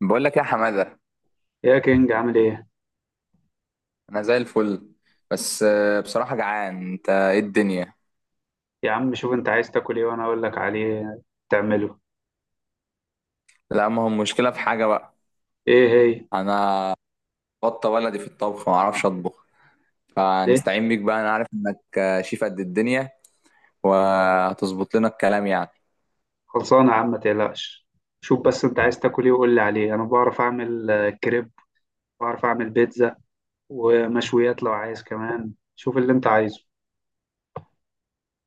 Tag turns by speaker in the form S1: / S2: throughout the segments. S1: بقول لك يا حمادة،
S2: يا كينج، عامل ايه؟
S1: انا زي الفل. بس بصراحة جعان. انت ايه الدنيا؟
S2: يا عم شوف انت عايز تاكل ايه وانا اقول لك عليه تعمله.
S1: لا، ما هو المشكلة في حاجة بقى.
S2: ايه هي؟
S1: انا بطة ولدي في الطبخ، ما اعرفش اطبخ.
S2: ليه؟
S1: فنستعين بيك بقى، انا عارف انك شيف قد الدنيا. وهتظبط لنا الكلام يعني.
S2: خلصانه يا عم، ما تقلقش. شوف بس انت عايز تاكل ايه وقول لي عليه. انا بعرف اعمل كريب، بعرف اعمل بيتزا ومشويات لو عايز. كمان شوف اللي انت عايزه.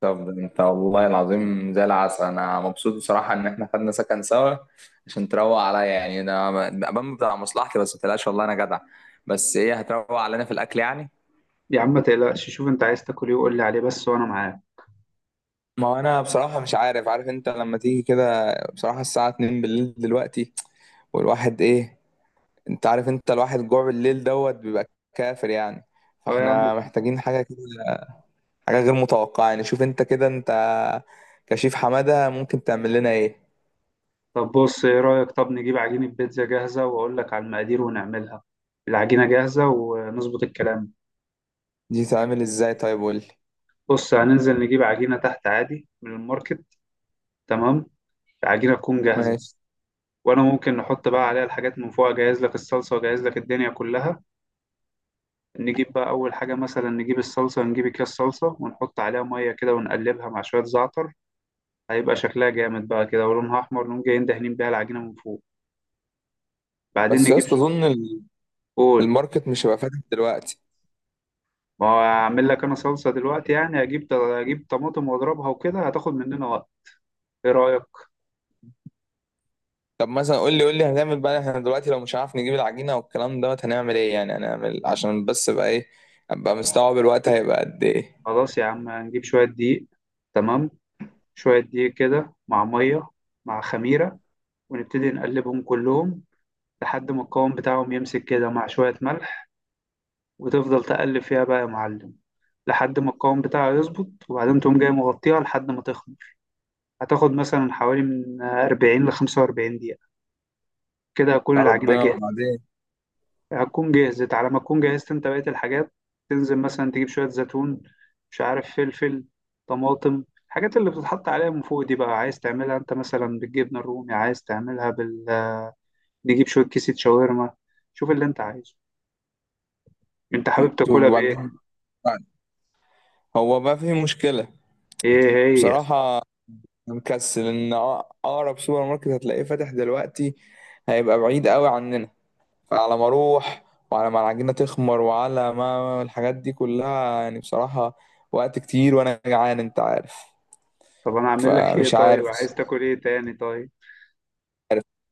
S1: طب انت والله العظيم زي العسل، انا مبسوط بصراحة ان احنا خدنا سكن سوا عشان تروق عليا يعني. انا بمبدأ على مصلحتي، بس ما تقلقش والله انا جدع. بس ايه، هتروق علينا في الاكل يعني؟
S2: يا عم ما تقلقش، شوف انت عايز تاكل ايه وقول لي عليه بس وانا معاك.
S1: ما هو انا بصراحة مش عارف. عارف انت لما تيجي كده بصراحة الساعة 2 بالليل دلوقتي والواحد ايه؟ انت عارف، انت الواحد جوع بالليل دوت بيبقى كافر يعني.
S2: اه يا عم.
S1: فاحنا محتاجين حاجة كده، حاجة غير متوقعة يعني. شوف انت كده، انت كشيف حمادة، ممكن تعمل لنا ايه؟
S2: طب بص، ايه رايك؟ طب نجيب عجينه بيتزا جاهزه واقول لك على المقادير ونعملها، العجينه جاهزه، ونظبط الكلام.
S1: دي تعمل ازاي طيب؟ قول لي.
S2: بص، هننزل نجيب عجينه تحت عادي من الماركت. تمام. العجينة تكون جاهزة،
S1: ماشي.
S2: وأنا ممكن نحط بقى عليها الحاجات من فوق، أجهز لك الصلصة وأجهز لك الدنيا كلها. نجيب بقى أول حاجة، مثلا نجيب الصلصة، نجيب أكياس صلصة ونحط عليها مية كده ونقلبها مع شوية زعتر، هيبقى شكلها جامد بقى كده ولونها أحمر، نقوم جايين دهنين بيها العجينة من فوق. بعدين
S1: بس يا
S2: نجيب
S1: اسطى اظن
S2: قول.
S1: الماركت مش هيبقى فاتح دلوقتي.
S2: ما هو أعمل لك أنا صلصة دلوقتي يعني، أجيب طماطم وأضربها وكده هتاخد مننا وقت. إيه رأيك؟
S1: طب مثلا، قول لي هنعمل بقى احنا دلوقتي لو مش عارف نجيب العجينه والكلام دوت، هنعمل ايه يعني؟ هنعمل عشان بس بقى ايه، ابقى مستوعب الوقت هيبقى قد ايه؟
S2: خلاص يا عم، هنجيب شوية دقيق. تمام. شوية دقيق كده مع مية، مع خميرة، ونبتدي نقلبهم كلهم لحد ما القوام بتاعهم يمسك كده، مع شوية ملح. وتفضل تقلب فيها بقى يا معلم لحد ما القوام بتاعها يظبط، وبعدين تقوم جاي مغطيها لحد ما تخمر. هتاخد مثلا حوالي من 40 ل 45 دقيقة، كده هتكون
S1: يا
S2: العجينة
S1: ربنا،
S2: جاهزة.
S1: وبعدين؟
S2: هتكون جهزت على ما تكون جهزت انت بقية الحاجات. تنزل مثلا تجيب شوية زيتون، مش عارف، فلفل، طماطم، الحاجات اللي بتتحط عليها من فوق دي بقى. عايز تعملها انت مثلا بالجبنة الرومي، عايز تعملها نجيب شوية كيسة شاورما. شوف اللي انت عايزه، انت حابب
S1: طب
S2: تاكلها بايه؟
S1: وبعدين، هو بقى في مشكله.
S2: ايه هي؟
S1: بصراحه، أنا مكسل ان اقرب سوبر ماركت هتلاقيه فاتح دلوقتي هيبقى بعيد قوي عننا. فعلى ما اروح وعلى ما العجينه تخمر وعلى ما الحاجات دي كلها يعني بصراحه وقت كتير، وانا جعان انت عارف.
S2: طب انا اعمل لك ايه
S1: فمش
S2: طيب؟
S1: عارف.
S2: عايز تاكل ايه تاني طيب؟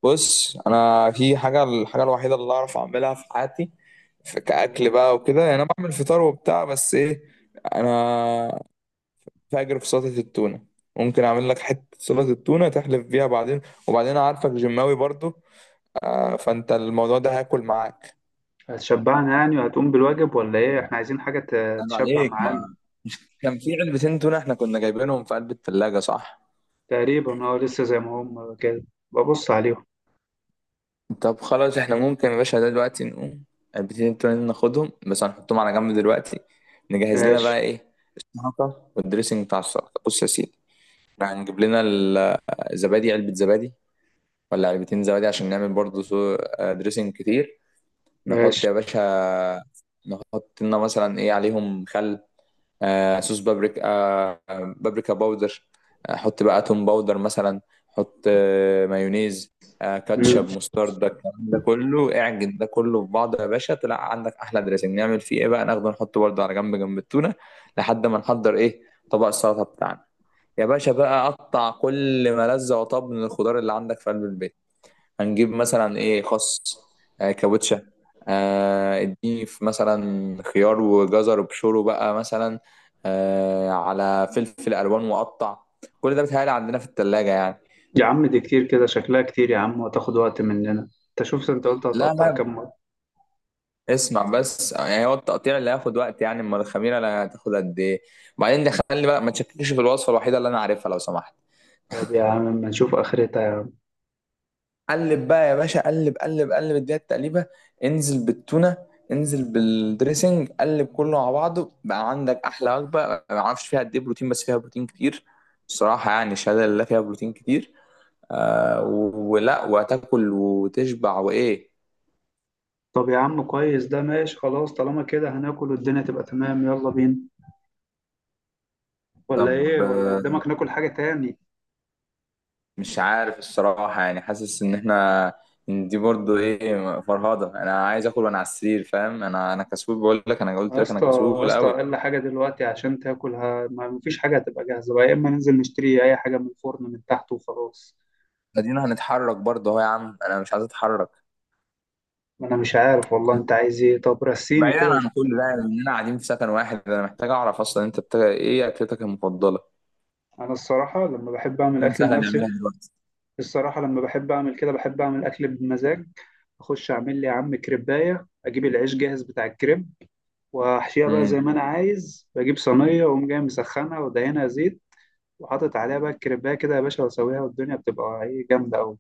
S1: بص، انا في حاجه، الحاجه الوحيده اللي اعرف اعملها في حياتي في كاكل بقى وكده يعني. انا بعمل فطار وبتاع، بس ايه، انا فاجر في سلطه التونه. ممكن اعمل لك حته سلطه التونه تحلف بيها بعدين. وبعدين أنا عارفك جماوي برضو، فانت الموضوع ده هاكل معاك.
S2: هتشبعنا يعني وهتقوم بالواجب ولا ايه؟ احنا عايزين حاجة
S1: انا
S2: تشبع
S1: عليك،
S2: معانا.
S1: ما كان في علبتين تونه احنا كنا جايبينهم في قلب الثلاجه، صح؟
S2: تقريبا اه، لسه زي ما هم كده، ببص عليهم.
S1: طب خلاص، احنا ممكن يا باشا ده دلوقتي نقوم البتين التونين ناخدهم، بس هنحطهم على جنب دلوقتي. نجهز لنا
S2: ماشي.
S1: بقى ايه، السلطة والدريسنج بتاع السلطة. بص يا سيدي، احنا هنجيب لنا الزبادي، علبة زبادي ولا علبتين زبادي عشان نعمل برضه دريسنج كتير. نحط
S2: ماشي.
S1: يا باشا، نحط لنا مثلا ايه عليهم، خل، آه، صوص بابريكا، آه، بابريكا باودر، حط بقى توم باودر مثلا، حط آه، مايونيز، آه،
S2: مم.
S1: كاتشب، مستردة، الكلام ده كله اعجن ده كله في بعضه يا باشا، طلع عندك احلى دريسنج. نعمل فيه ايه بقى؟ ناخده نحطه برضه على جنب، جنب التونه لحد ما نحضر ايه، طبق السلطه بتاعنا. يا باشا بقى، قطع كل ما لذ وطاب من الخضار اللي عندك في قلب البيت. هنجيب مثلا ايه، خس، آه كاوتشة، آه اديني في مثلا خيار وجزر وبشوره بقى مثلا، آه على فلفل الوان وقطع. كل ده بيتهيألي عندنا في التلاجة يعني.
S2: يا عم دي كتير، كده شكلها كتير يا عم، وتاخد وقت مننا. انت شوف، انت قلت
S1: لا
S2: هتقطع
S1: لا،
S2: كام مرة؟
S1: اسمع بس، يعني هو التقطيع اللي هياخد وقت يعني، امال الخميرة اللي هتاخد قد ايه؟ وبعدين ده خلي بقى، ما تشككش في الوصفة الوحيدة اللي انا عارفها لو سمحت.
S2: طب يا عم، ما نشوف اخرتها يعني.
S1: قلب بقى يا باشا، قلب قلب قلب، اديها التقليبه. انزل بالتونه، انزل بالدريسنج، قلب كله مع بعضه، بقى عندك احلى وجبه ما اعرفش فيها قد ايه بروتين، بس فيها بروتين كتير. الصراحه يعني، الشهاده لله فيها بروتين كتير. آه، ولا وتاكل وتشبع وايه.
S2: طب يا عم كويس، ده ماشي خلاص، طالما كده هناكل والدنيا تبقى تمام، يلا بينا. ولا ايه؟
S1: طب
S2: ولا قدامك ناكل حاجة تاني؟
S1: مش عارف الصراحه يعني. حاسس ان احنا، إن دي برضو ايه فرهضه، انا عايز اكل وانا على السرير فاهم، انا كسول بقول لك، انا قلت
S2: يا
S1: لك انا
S2: اسطى، يا
S1: كسول
S2: اسطى،
S1: قوي.
S2: اقل حاجه دلوقتي عشان تاكلها ما مفيش حاجه هتبقى جاهزه بقى، يا اما ننزل نشتري اي حاجه من الفرن من تحت وخلاص.
S1: ادينا هنتحرك برضه اهو يا عم، انا مش عايز اتحرك.
S2: ما انا مش عارف والله انت عايز ايه، طب رسيني
S1: بعيدا
S2: كده
S1: عن كل ده اننا قاعدين في سكن واحد، انا محتاج اعرف اصلا انت ايه اكلتك المفضله؟
S2: انا الصراحه لما بحب اعمل
S1: تكون
S2: اكل
S1: سهله
S2: لنفسي،
S1: نعملها دلوقتي.
S2: الصراحه لما بحب اعمل كده بحب اعمل اكل بمزاج. اخش اعمل لي يا عم كريبايه، اجيب العيش جاهز بتاع الكريب واحشيها بقى زي
S1: امم.
S2: ما انا عايز، بجيب صينيه واقوم جاي مسخنها ودهنها زيت، وحاطط عليها بقى الكريبايه كده يا باشا واسويها والدنيا بتبقى ايه، جامده قوي.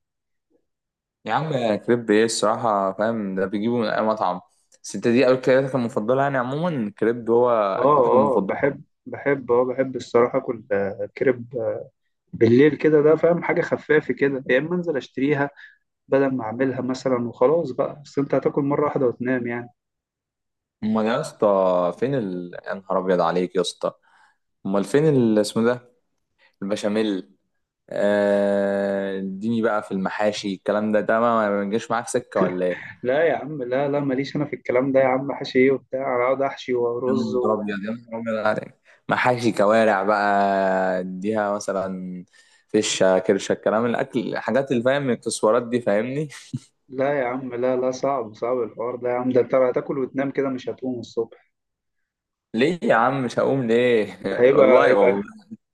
S1: يا عم كريب ايه الصراحه فاهم، ده بيجيبه من اي مطعم. بس انت دي اكلتك المفضله يعني، عموما كريب هو
S2: اه
S1: اكلتك
S2: اه
S1: المفضله.
S2: بحب بحب اه بحب الصراحة اكل كريب بالليل كده، ده فاهم، حاجة خفافة كده. يا اما انزل اشتريها بدل ما اعملها مثلا وخلاص بقى. بس انت هتاكل مرة واحدة وتنام يعني.
S1: امال يا اسطى، فين يا نهار ابيض عليك يا اسطى. امال فين اسمه ده، البشاميل. اديني بقى في المحاشي، الكلام ده ما بيجيش معاك سكه ولا ايه؟
S2: لا يا عم، لا لا ماليش انا في الكلام ده يا عم، حشي ايه وبتاع؟ انا اقعد احشي
S1: يا
S2: ورز
S1: نهار ابيض، يا نهار ابيض عليك. محاشي كوارع بقى، اديها مثلا فشه كرشه، الكلام، الاكل، الحاجات اللي فاهم، الاكسسوارات دي فاهمني.
S2: لا يا عم، لا لا، صعب صعب الحوار ده يا عم، ده انت هتاكل وتنام كده مش هتقوم الصبح.
S1: ليه يا عم مش هقوم ليه؟
S2: ده هيبقى
S1: والله
S2: هيبقى
S1: والله.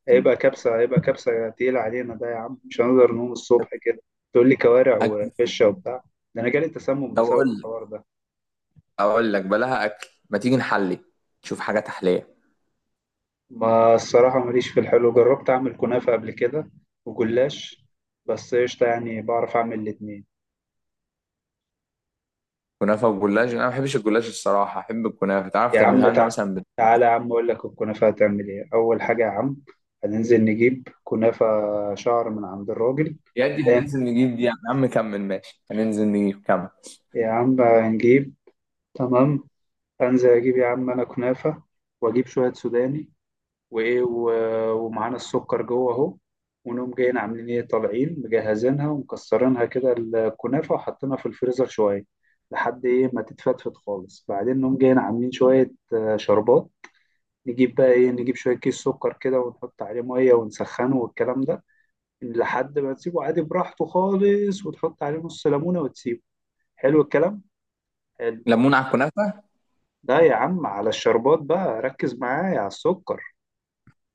S2: هيبقى كبسة هيبقى كبسة تقيلة علينا ده يا عم، مش هنقدر نقوم الصبح كده. تقول لي كوارع
S1: اكل في
S2: وفشة
S1: البيت.
S2: وبتاع، ده انا جالي تسمم
S1: طب
S2: بسبب
S1: اقول لك
S2: الحوار ده.
S1: اقول لك بلاها اكل، ما تيجي نحلي، نشوف حاجه تحليه.
S2: ما الصراحة ماليش في الحلو. جربت أعمل كنافة قبل كده وجلاش، بس قشطة يعني، بعرف أعمل الاتنين.
S1: كنافه وجلاش، انا ما بحبش الجلاش الصراحه، احب الكنافه. تعرف
S2: يا عم
S1: تعملها لنا مثلا
S2: تعالى يا عم أقول لك الكنافة هتعمل إيه. أول حاجة يا عم، هننزل نجيب كنافة شعر من عند الراجل.
S1: يا دي هننزل
S2: لا
S1: نجيب دي، يا عم كمل ماشي، هننزل نجيب، كمل.
S2: يا عم، هنجيب. تمام. أنزل أجيب يا عم أنا كنافة، وأجيب شوية سوداني، وايه ومعانا السكر جوه اهو. ونقوم جايين عاملين ايه، طالعين مجهزينها ومكسرينها كده الكنافه وحاطينها في الفريزر شويه لحد ايه ما تتفتفت خالص. بعدين نقوم جايين عاملين شويه شربات. نجيب بقى ايه، نجيب شويه كيس سكر كده ونحط عليه ميه ونسخنه والكلام ده، لحد ما تسيبه عادي براحته خالص، وتحط عليه نص ليمونه وتسيبه. حلو الكلام، حلو.
S1: ليمون على الكنافه؟
S2: ده يا عم على الشربات بقى، ركز معايا على السكر.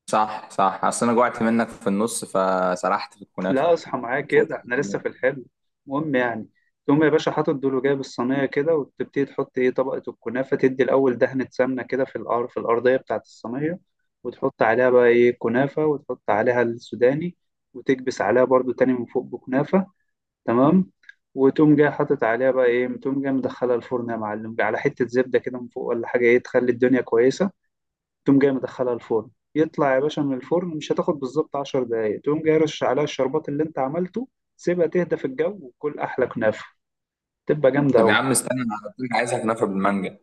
S1: صح، صح، اصل انا جوعت منك في النص فسرحت في الكنافه.
S2: لا، اصحى معايا
S1: فوت
S2: كده، احنا لسه
S1: يعني.
S2: في الحلم. المهم يعني، تقوم يا باشا حاطط دول وجايب الصينيه كده، وتبتدي تحط ايه طبقه الكنافه. تدي الاول دهنه سمنه كده في الأرض، في الارضيه بتاعه الصينيه، وتحط عليها بقى ايه كنافه، وتحط عليها السوداني، وتكبس عليها برضو تاني من فوق بكنافه. تمام. وتقوم جاي حاطط عليها بقى ايه، تقوم جاي مدخلها الفرن يا معلم على حته زبده كده من فوق ولا حاجه ايه تخلي الدنيا كويسه. تقوم جاي مدخلها الفرن، يطلع يا باشا من الفرن مش هتاخد بالظبط 10 دقايق. تقوم جاي رش عليها الشربات اللي انت عملته، سيبها تهدى في الجو، وكل احلى كنافه، تبقى جامده
S1: طب يا
S2: قوي.
S1: عم استنى، انا قلت لك عايزها كنافه بالمانجا.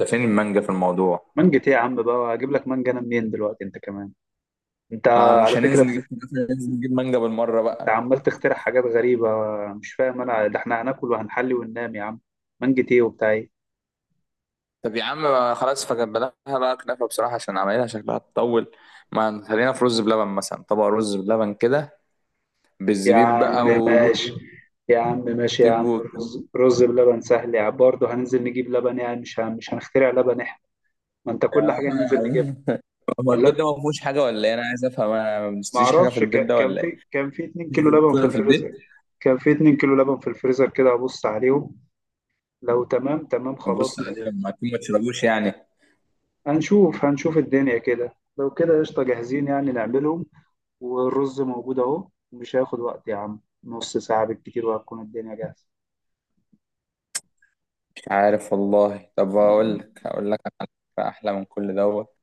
S1: انت فين المانجا في الموضوع؟
S2: مانجة ايه يا عم؟ بقى اجيب لك مانجا انا منين دلوقتي؟ انت كمان، انت
S1: ما مش
S2: على فكره
S1: هننزل نجيب كنافه؟ ننزل نجيب مانجا بالمره
S2: انت
S1: بقى.
S2: عمال تخترع حاجات غريبه، مش فاهم انا. ده احنا هناكل وهنحلي وننام يا عم، مانجة ايه وبتاع ايه؟
S1: طب يا عم ما خلاص، فجبناها بقى كنافه بصراحه عشان عمايلها شكلها تطول. ما خلينا في رز بلبن مثلا، طبق رز بلبن كده،
S2: يا
S1: بالزبيب
S2: عم
S1: بقى، وجوز
S2: ماشي، يا عم ماشي، يا
S1: الطيب
S2: عم
S1: والكلام
S2: رز بلبن سهل يا عم برضه، هننزل نجيب لبن يعني، مش مش هنخترع لبن احنا. ما انت كل حاجه ننزل نجيبها.
S1: ده. هو
S2: ولا،
S1: البيت ده ما فيهوش حاجه ولا ايه؟ انا عايز افهم، انا ما
S2: ما
S1: بنشتريش حاجه في
S2: اعرفش،
S1: البيت ده
S2: كان
S1: ولا ايه؟
S2: في كان في 2
S1: مفيش
S2: كيلو
S1: غير
S2: لبن في
S1: التونه في البيت؟
S2: الفريزر، كان في 2 كيلو لبن في الفريزر كده، ابص عليهم. لو تمام. تمام خلاص.
S1: بص عليه لما اكون ما تشربوش يعني.
S2: هنشوف الدنيا كده، لو كده قشطة جاهزين يعني نعملهم. والرز موجود اهو، مش هياخد وقت يا عم، نص ساعة بالكتير وهتكون الدنيا جاهزة.
S1: مش عارف والله. طب هقول لك على فكرة احلى من كل دوت،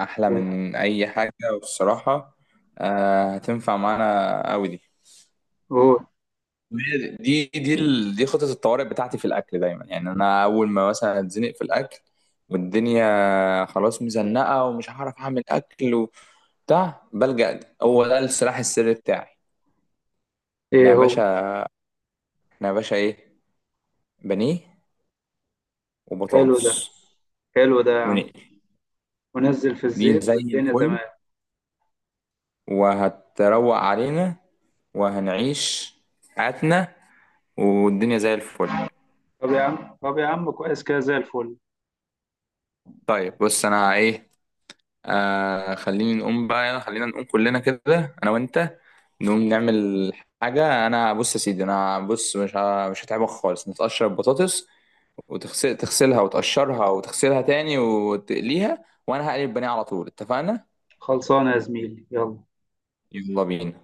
S1: احلى من اي حاجه والصراحه، آه، هتنفع معانا قوي دي.
S2: هو
S1: دي خطه الطوارئ بتاعتي في الاكل دايما يعني. انا اول ما مثلا اتزنق في الاكل والدنيا خلاص مزنقه ومش هعرف اعمل اكل وبتاع بلجأ، ده هو ده السلاح السري بتاعي. احنا
S2: ايه
S1: يا
S2: هو؟
S1: باشا احنا يا باشا ايه، بانيه
S2: حلو ده،
S1: وبطاطس،
S2: حلو ده يا عم،
S1: ونقل.
S2: ونزل في
S1: دي
S2: الزيت
S1: زي
S2: والدنيا
S1: الفل،
S2: تمام.
S1: وهتروق علينا، وهنعيش حياتنا، والدنيا زي الفل.
S2: طب يا عم، طب يا عم كويس كده، زي الفل.
S1: طيب بص، انا ايه، آه خليني نقوم بقى، خلينا نقوم كلنا كده انا وانت، نقوم نعمل حاجة. انا بص يا سيدي انا بص، مش هتعبك خالص، نتقشر البطاطس وتغسل تغسلها وتقشرها وتغسلها تاني وتقليها، وانا هقلي البانيه على طول، اتفقنا؟
S2: خلصانة يا زميلي، يلا.
S1: يلا بينا.